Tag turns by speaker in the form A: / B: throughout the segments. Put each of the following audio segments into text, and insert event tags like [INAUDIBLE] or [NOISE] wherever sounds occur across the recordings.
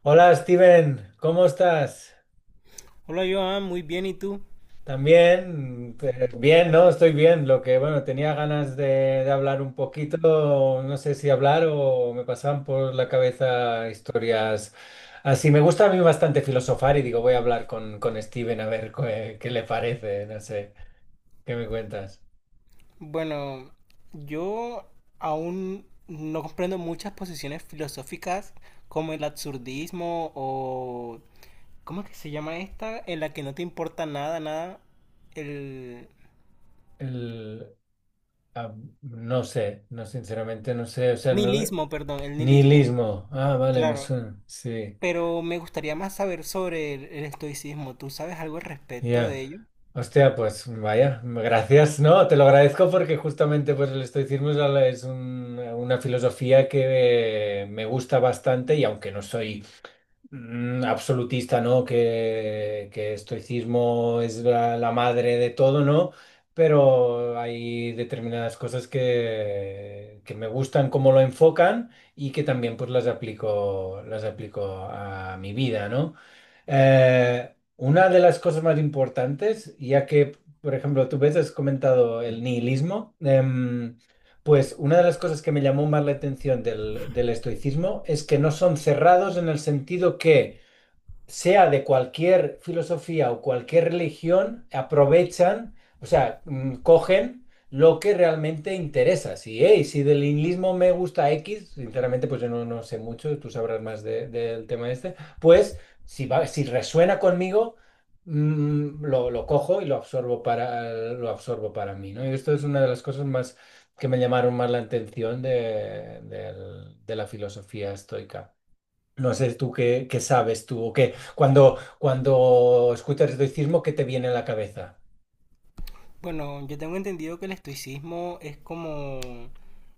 A: Hola Steven, ¿cómo estás?
B: Hola Joan, muy bien, ¿y tú?
A: También. Bien, ¿no? Estoy bien. Bueno, tenía ganas de hablar un poquito, no sé si hablar o me pasaban por la cabeza historias así. Me gusta a mí bastante filosofar y digo, voy a hablar con Steven a ver qué le parece, no sé, ¿qué me cuentas?
B: Bueno, yo aún no comprendo muchas posiciones filosóficas como el absurdismo o... ¿Cómo es que se llama esta? En la que no te importa nada, nada. El
A: El, ah, no sé, no, sinceramente no sé, o sea,
B: nihilismo, perdón, el nihilismo.
A: nihilismo. Ah, vale, me
B: Claro.
A: suena, sí.
B: Pero me gustaría más saber sobre el estoicismo. ¿Tú sabes algo al respecto
A: Ya.
B: de ello?
A: Hostia, pues vaya, gracias, ¿no? Te lo agradezco porque justamente pues el estoicismo es, una filosofía que me gusta bastante y aunque no soy absolutista, ¿no? Que estoicismo es la madre de todo, ¿no? Pero hay determinadas cosas que me gustan cómo lo enfocan y que también pues las aplico a mi vida, ¿no? Una de las cosas más importantes, ya que, por ejemplo, tú ves, has comentado el nihilismo. Pues una de las cosas que me llamó más la atención del estoicismo es que no son cerrados en el sentido que sea de cualquier filosofía o cualquier religión, aprovechan, o sea, cogen lo que realmente interesa. Si, "Hey, si del nihilismo me gusta X, sinceramente, pues yo no, no sé mucho, tú sabrás más del tema este, pues si, si resuena conmigo, lo cojo y lo absorbo para mí, ¿no? Y esto es una de las cosas más que me llamaron más la atención de la filosofía estoica. No sé tú qué sabes tú o qué. Cuando escuchas estoicismo, ¿qué te viene a la cabeza?
B: Bueno, yo tengo entendido que el estoicismo es como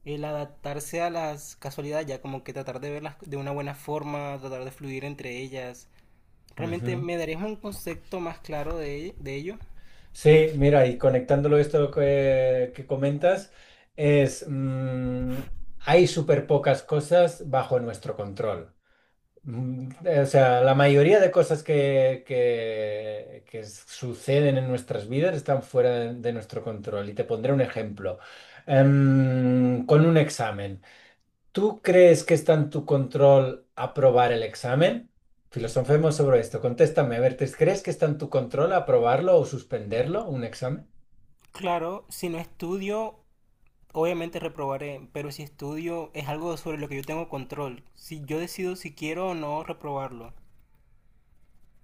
B: el adaptarse a las casualidades, ya como que tratar de verlas de una buena forma, tratar de fluir entre ellas. ¿Realmente
A: Ujú.
B: me darías un concepto más claro de ello?
A: Sí, mira, y conectándolo esto que comentas, es hay súper pocas cosas bajo nuestro control. O sea, la mayoría de cosas que suceden en nuestras vidas están fuera de nuestro control. Y te pondré un ejemplo. Con un examen. ¿Tú crees que está en tu control aprobar el examen? Filosofemos sobre esto. Contéstame, a ver, ¿crees que está en tu control aprobarlo o suspenderlo, un examen?
B: Claro, si no estudio, obviamente reprobaré, pero si estudio es algo sobre lo que yo tengo control. Si yo decido si quiero o no reprobarlo.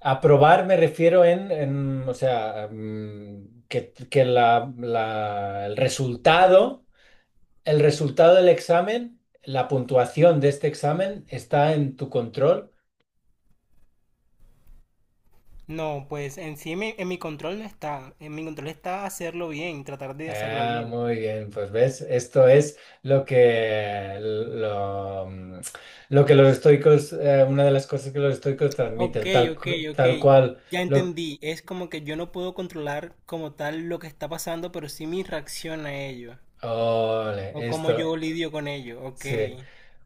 A: Aprobar me refiero o sea, que el resultado del examen, la puntuación de este examen está en tu control.
B: No, pues en sí en mi control no está. En mi control está hacerlo bien, tratar de hacerlo
A: Ah,
B: bien.
A: muy bien, pues ves, esto es lo que los estoicos, una de las cosas que los estoicos
B: Ok,
A: transmiten,
B: ok, ok.
A: tal cual.
B: Ya entendí. Es como que yo no puedo controlar como tal lo que está pasando, pero sí mi reacción a ello.
A: Ole,
B: O cómo
A: esto,
B: yo lidio con ello. Ok.
A: sí.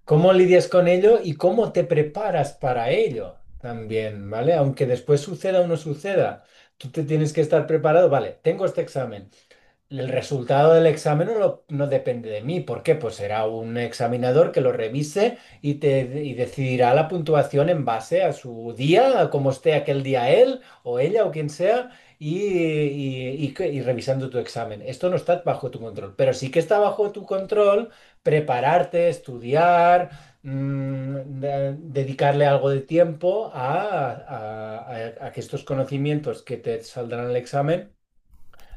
A: ¿Cómo lidias con ello y cómo te preparas para ello también, ¿vale? Aunque después suceda o no suceda, tú te tienes que estar preparado, vale, tengo este examen. El resultado del examen no, no depende de mí. ¿Por qué? Pues será un examinador que lo revise y decidirá la puntuación en base a su día, a cómo esté aquel día él o ella o quien sea, y revisando tu examen. Esto no está bajo tu control, pero sí que está bajo tu control prepararte, estudiar, dedicarle algo de tiempo a a que estos conocimientos que te saldrán en el examen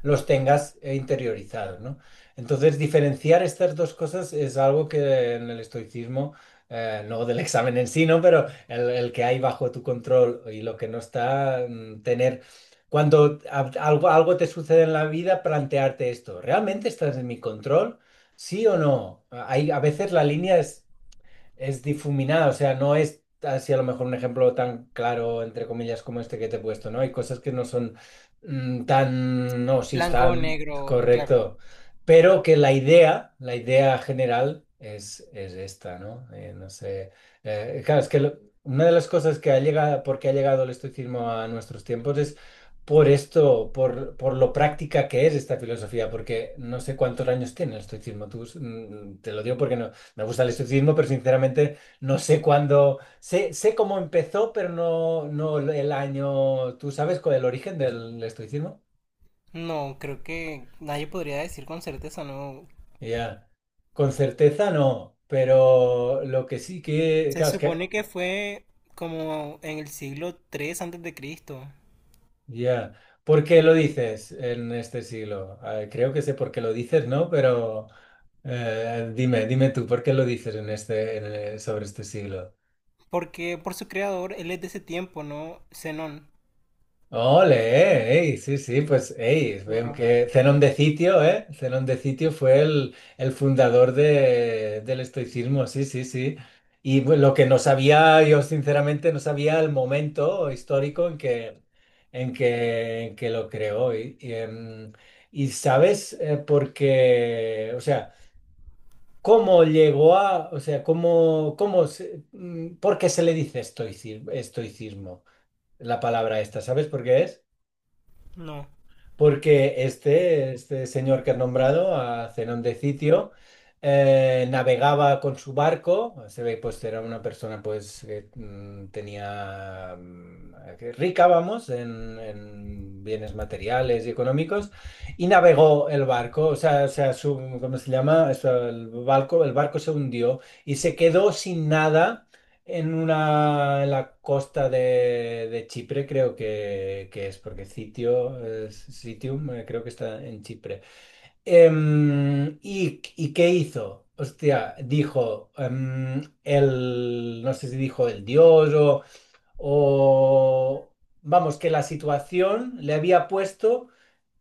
A: los tengas interiorizados, ¿no? Entonces, diferenciar estas dos cosas es algo que en el estoicismo, no del examen en sí, ¿no? Pero el que hay bajo tu control y lo que no está, tener... Cuando algo te sucede en la vida, plantearte esto, ¿realmente estás en mi control? ¿Sí o no? Hay, a veces la línea es difuminada, o sea, no es así a lo mejor un ejemplo tan claro, entre comillas, como este que te he puesto, ¿no? Hay cosas que no son tan, no, sí,
B: Blanco o
A: están
B: negro, claro.
A: correcto, pero que la idea general es esta, ¿no? Claro, es que una de las cosas que ha llegado, porque ha llegado el estoicismo a nuestros tiempos es... Por esto, por lo práctica que es esta filosofía, porque no sé cuántos años tiene el estoicismo, tú, te lo digo porque no, me gusta el estoicismo, pero sinceramente no sé cuándo. Sé, sé cómo empezó, pero no, no el año. ¿Tú sabes cuál es el origen del estoicismo?
B: No, creo que nadie podría decir con certeza, no.
A: Ya. Con certeza no, pero lo que sí que.
B: Se
A: Claro, es que.
B: supone que fue como en el siglo III antes de Cristo.
A: Ya. ¿Por qué lo
B: Tiene
A: dices en este siglo? Creo que sé por qué lo dices, ¿no? Pero dime tú, ¿por qué lo dices en sobre este siglo?
B: porque por su creador él es de ese tiempo, ¿no? Zenón.
A: Ole, ey, sí, sí, pues ey, veo
B: Bueno,
A: que Zenón de Citio, ¿eh? Zenón de Citio fue el fundador del estoicismo, sí, sí, sí. Y bueno, lo que no sabía, yo sinceramente no sabía el momento histórico en que lo creó. Y sabes por qué, o sea, cómo llegó a, o sea, por qué se le dice estoicismo, la palabra esta, ¿sabes por qué es?
B: no.
A: Porque este señor que has nombrado, a Zenón de Citio, navegaba con su barco, se ve pues era una persona pues que tenía que rica, vamos, en bienes materiales y económicos, y navegó el barco, o sea su, ¿cómo se llama? Eso, el barco se hundió y se quedó sin nada en una, en la costa de Chipre creo que es, porque Citio, Citium creo que está en Chipre. ¿Y, y qué hizo? Hostia, dijo el, no sé si dijo el dios o, vamos, que la situación le había puesto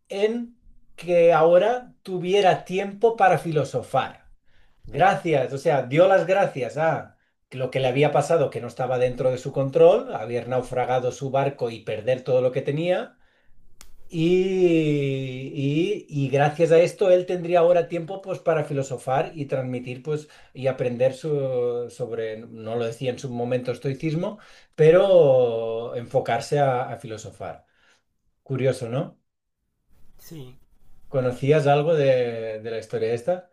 A: en que ahora tuviera tiempo para filosofar. Gracias, o sea, dio las gracias a lo que le había pasado, que no estaba dentro de su control, haber naufragado su barco y perder todo lo que tenía. Y gracias a esto él tendría ahora tiempo pues para filosofar y transmitir pues y aprender sobre, no lo decía en su momento estoicismo, pero enfocarse a filosofar. Curioso, ¿no?
B: Sí.
A: ¿Conocías algo de la historia esta?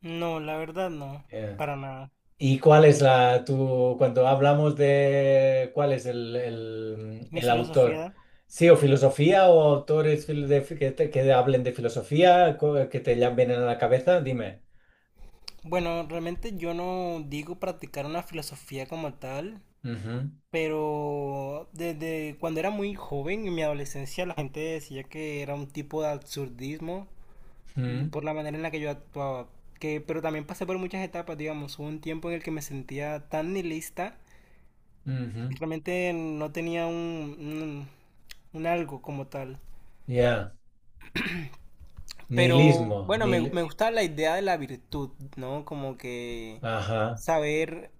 B: No, la verdad no,
A: Eh.
B: para nada.
A: ¿Y cuál es cuando hablamos de cuál es
B: Mi
A: el autor?
B: filosofía,
A: Sí, o filosofía o autores fil- de fi- que, te- que hablen de filosofía que te llamen a la cabeza, dime.
B: bueno, realmente yo no digo practicar una filosofía como tal,
A: Ujú,
B: pero desde cuando era muy joven, en mi adolescencia, la gente decía que era un tipo de absurdismo
A: mm,
B: por la manera en la que yo actuaba. Que, pero también pasé por muchas etapas, digamos, hubo un tiempo en el que me sentía tan nihilista,
A: ujú,
B: y realmente no tenía un algo como tal.
A: Ya.
B: Pero
A: Nihilismo,
B: bueno, me, me gusta la idea de la virtud, ¿no? Como que
A: ajá,
B: saber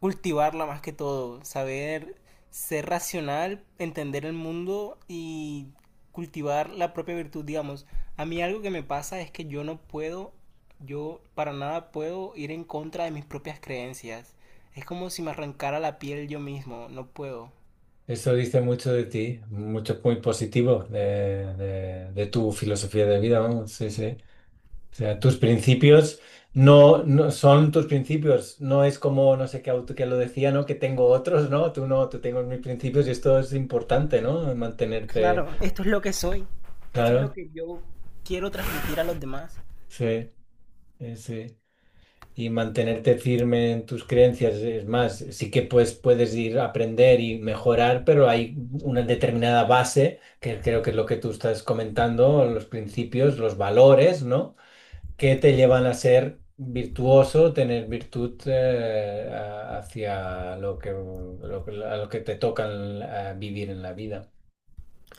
B: cultivarla más que todo, saber ser racional, entender el mundo y cultivar la propia virtud, digamos. A mí algo que me pasa es que yo no puedo, yo para nada puedo ir en contra de mis propias creencias. Es como si me arrancara la piel yo mismo, no puedo.
A: eso dice mucho de ti, mucho muy positivo de, de tu filosofía de vida, vamos, sí, sí. O sea, tus principios no, no son tus principios, no es como no sé qué auto que lo decía, ¿no? Que tengo otros, ¿no? Tú no, tú tengo mis principios y esto es importante, ¿no? Mantenerte,
B: Claro, esto es lo que soy, esto es lo
A: claro,
B: que yo quiero transmitir a los demás.
A: sí, sí. Y mantenerte firme en tus creencias, es más, sí que pues puedes ir a aprender y mejorar, pero hay una determinada base, que creo que es lo que tú estás comentando, los principios, los valores, ¿no? que te llevan a ser virtuoso, tener virtud hacia lo que, a lo que te toca en vivir en la vida.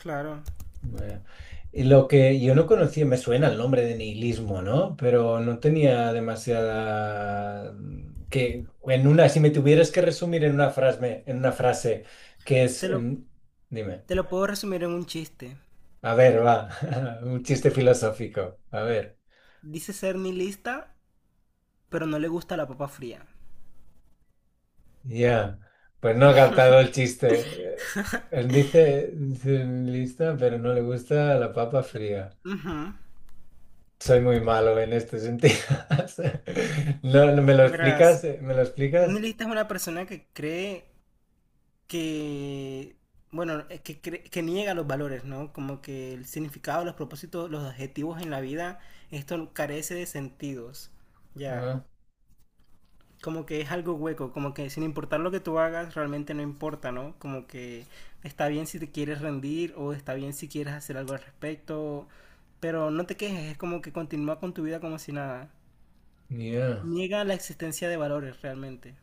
B: Claro.
A: Eh, y lo que yo no conocía, me suena el nombre de nihilismo, ¿no? Pero no tenía demasiada... Que en una, si me tuvieras que resumir en una frase que es...
B: Te lo,
A: en- dime,
B: te lo puedo resumir en un chiste.
A: a ver, va, [LAUGHS] un chiste filosófico, a ver.
B: Dice ser nihilista, pero no le gusta la papa fría.
A: Ya. Pues no ha captado el chiste. Eh, Él dice lista, pero no le gusta la papa fría.
B: Ujú.
A: Soy muy malo en este sentido. [LAUGHS] O sea, no, no, ¿me lo
B: Verás,
A: explicas? ¿Me lo
B: un
A: explicas?
B: nihilista es una persona que cree que, bueno, que niega los valores, ¿no? Como que el significado, los propósitos, los objetivos en la vida, esto carece de sentidos, ya.
A: Ah,
B: Como que es algo hueco, como que sin importar lo que tú hagas, realmente no importa, ¿no? Como que está bien si te quieres rendir o está bien si quieres hacer algo al respecto, pero no te quejes, es como que continúa con tu vida como si nada.
A: ya.
B: Niega la existencia de valores realmente.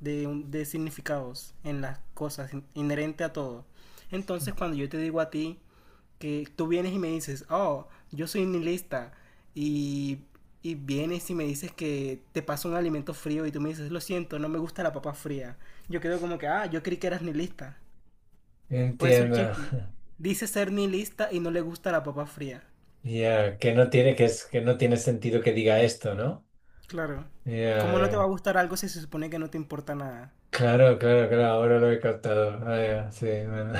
B: De significados en las cosas, inherente a todo. Entonces, cuando yo te digo a ti que tú vienes y me dices, oh, yo soy nihilista, y, y vienes y me dices que te pasa un alimento frío y tú me dices, lo siento, no me gusta la papa fría, yo quedo como que, ah, yo creí que eras nihilista. Por eso el
A: Entiendo.
B: chiste.
A: [LAUGHS]
B: Dice ser nihilista y no le gusta la papa fría.
A: Ya. Que no tiene, que es, que no tiene sentido que diga esto, ¿no?
B: Claro.
A: Ya,
B: ¿Cómo no te va a
A: ya.
B: gustar algo si se supone que no te importa nada?
A: Claro, claro, claro, ahora lo he captado. Ah, ya, sí, bueno.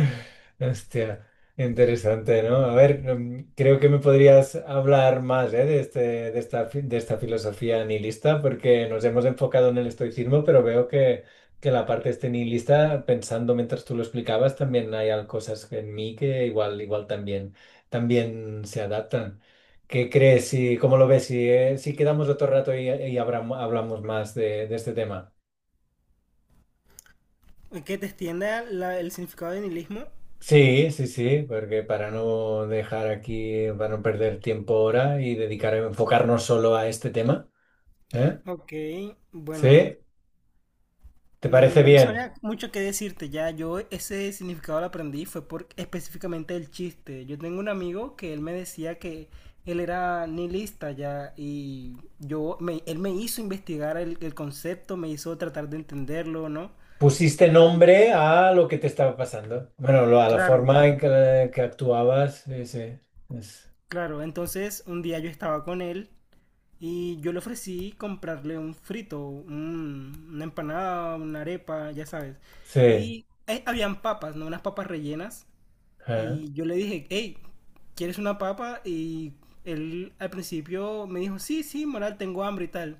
A: [LAUGHS] Hostia, interesante, ¿no? A ver, creo que me podrías hablar más, ¿eh? De este, de esta, de esta filosofía nihilista, porque nos hemos enfocado en el estoicismo, pero veo que la parte este nihilista, pensando mientras tú lo explicabas, también hay cosas en mí que igual, igual también, también se adaptan. ¿Qué crees? Y ¿Cómo lo ves? Si, si quedamos otro rato y hablamos más de este tema.
B: Que te extienda el significado de nihilismo.
A: Sí, sí, sí, porque para no dejar aquí, para no perder tiempo ahora y dedicar, enfocarnos solo a este tema, ¿eh?
B: Ok, bueno,
A: ¿Sí? ¿Te parece
B: no
A: bien?
B: sabría mucho qué decirte ya. Yo ese significado lo aprendí fue por específicamente el chiste. Yo tengo un amigo que él me decía que él era nihilista ya y él me hizo investigar el concepto, me hizo tratar de entenderlo, ¿no?
A: Pusiste
B: Y
A: nombre a lo que te estaba pasando. Bueno, a la
B: claro,
A: forma en que actuabas, sí, sí. es-
B: claro. Entonces un día yo estaba con él. Y yo le ofrecí comprarle un frito, una empanada, una arepa, ya sabes.
A: sí.
B: Y habían papas, ¿no? Unas papas rellenas.
A: ¿eh?
B: Y yo le dije, hey, ¿quieres una papa? Y él al principio me dijo, sí, sí, moral, tengo hambre y tal.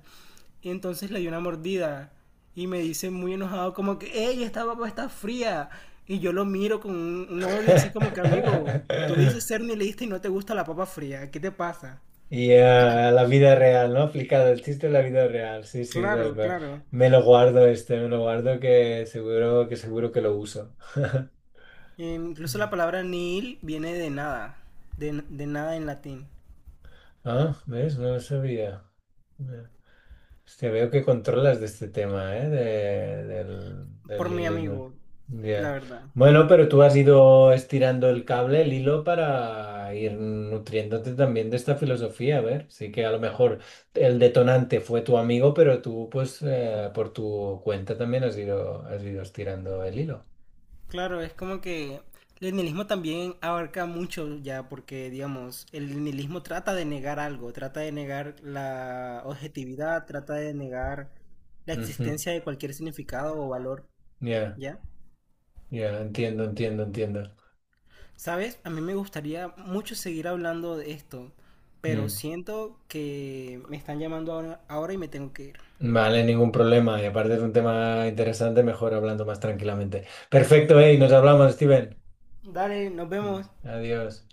B: Y entonces le di una mordida. Y me dice muy enojado, como que, hey, esta papa está fría. Y yo lo miro con un odio así como que, amigo,
A: [LAUGHS]
B: tú dices ser nihilista y no te gusta la papa fría. ¿Qué te pasa?
A: Y a la vida real, ¿no? Aplicado el chiste a la vida real, sí, sí, tal
B: Claro,
A: cual.
B: claro.
A: Me lo guardo este, me lo guardo que seguro que seguro que lo uso.
B: Incluso la
A: [LAUGHS]
B: palabra nihil viene de nada, de nada en latín.
A: Ah, ¿ves? No lo sabía. Mira. Hostia, veo que controlas de este tema, ¿eh? Del
B: Por mi
A: nihilismo.
B: amigo, la
A: Ya.
B: verdad.
A: Bueno, pero tú has ido estirando el cable, el hilo, para ir nutriéndote también de esta filosofía. A ver, sí que a lo mejor el detonante fue tu amigo, pero tú, pues, por tu cuenta también has ido estirando el hilo.
B: Claro, es como que el nihilismo también abarca mucho ya, porque digamos, el nihilismo trata de negar algo, trata de negar la objetividad, trata de negar la
A: Ujú.
B: existencia de cualquier significado o valor,
A: Ya,
B: ¿ya?
A: ya, entiendo, entiendo, entiendo.
B: ¿Sabes? A mí me gustaría mucho seguir hablando de esto, pero
A: Mm.
B: siento que me están llamando ahora, ahora y me tengo que ir.
A: Vale, ningún problema. Y aparte es un tema interesante, mejor hablando más tranquilamente. Perfecto, y nos hablamos, Steven.
B: Dale, nos
A: Mm,
B: vemos.
A: adiós.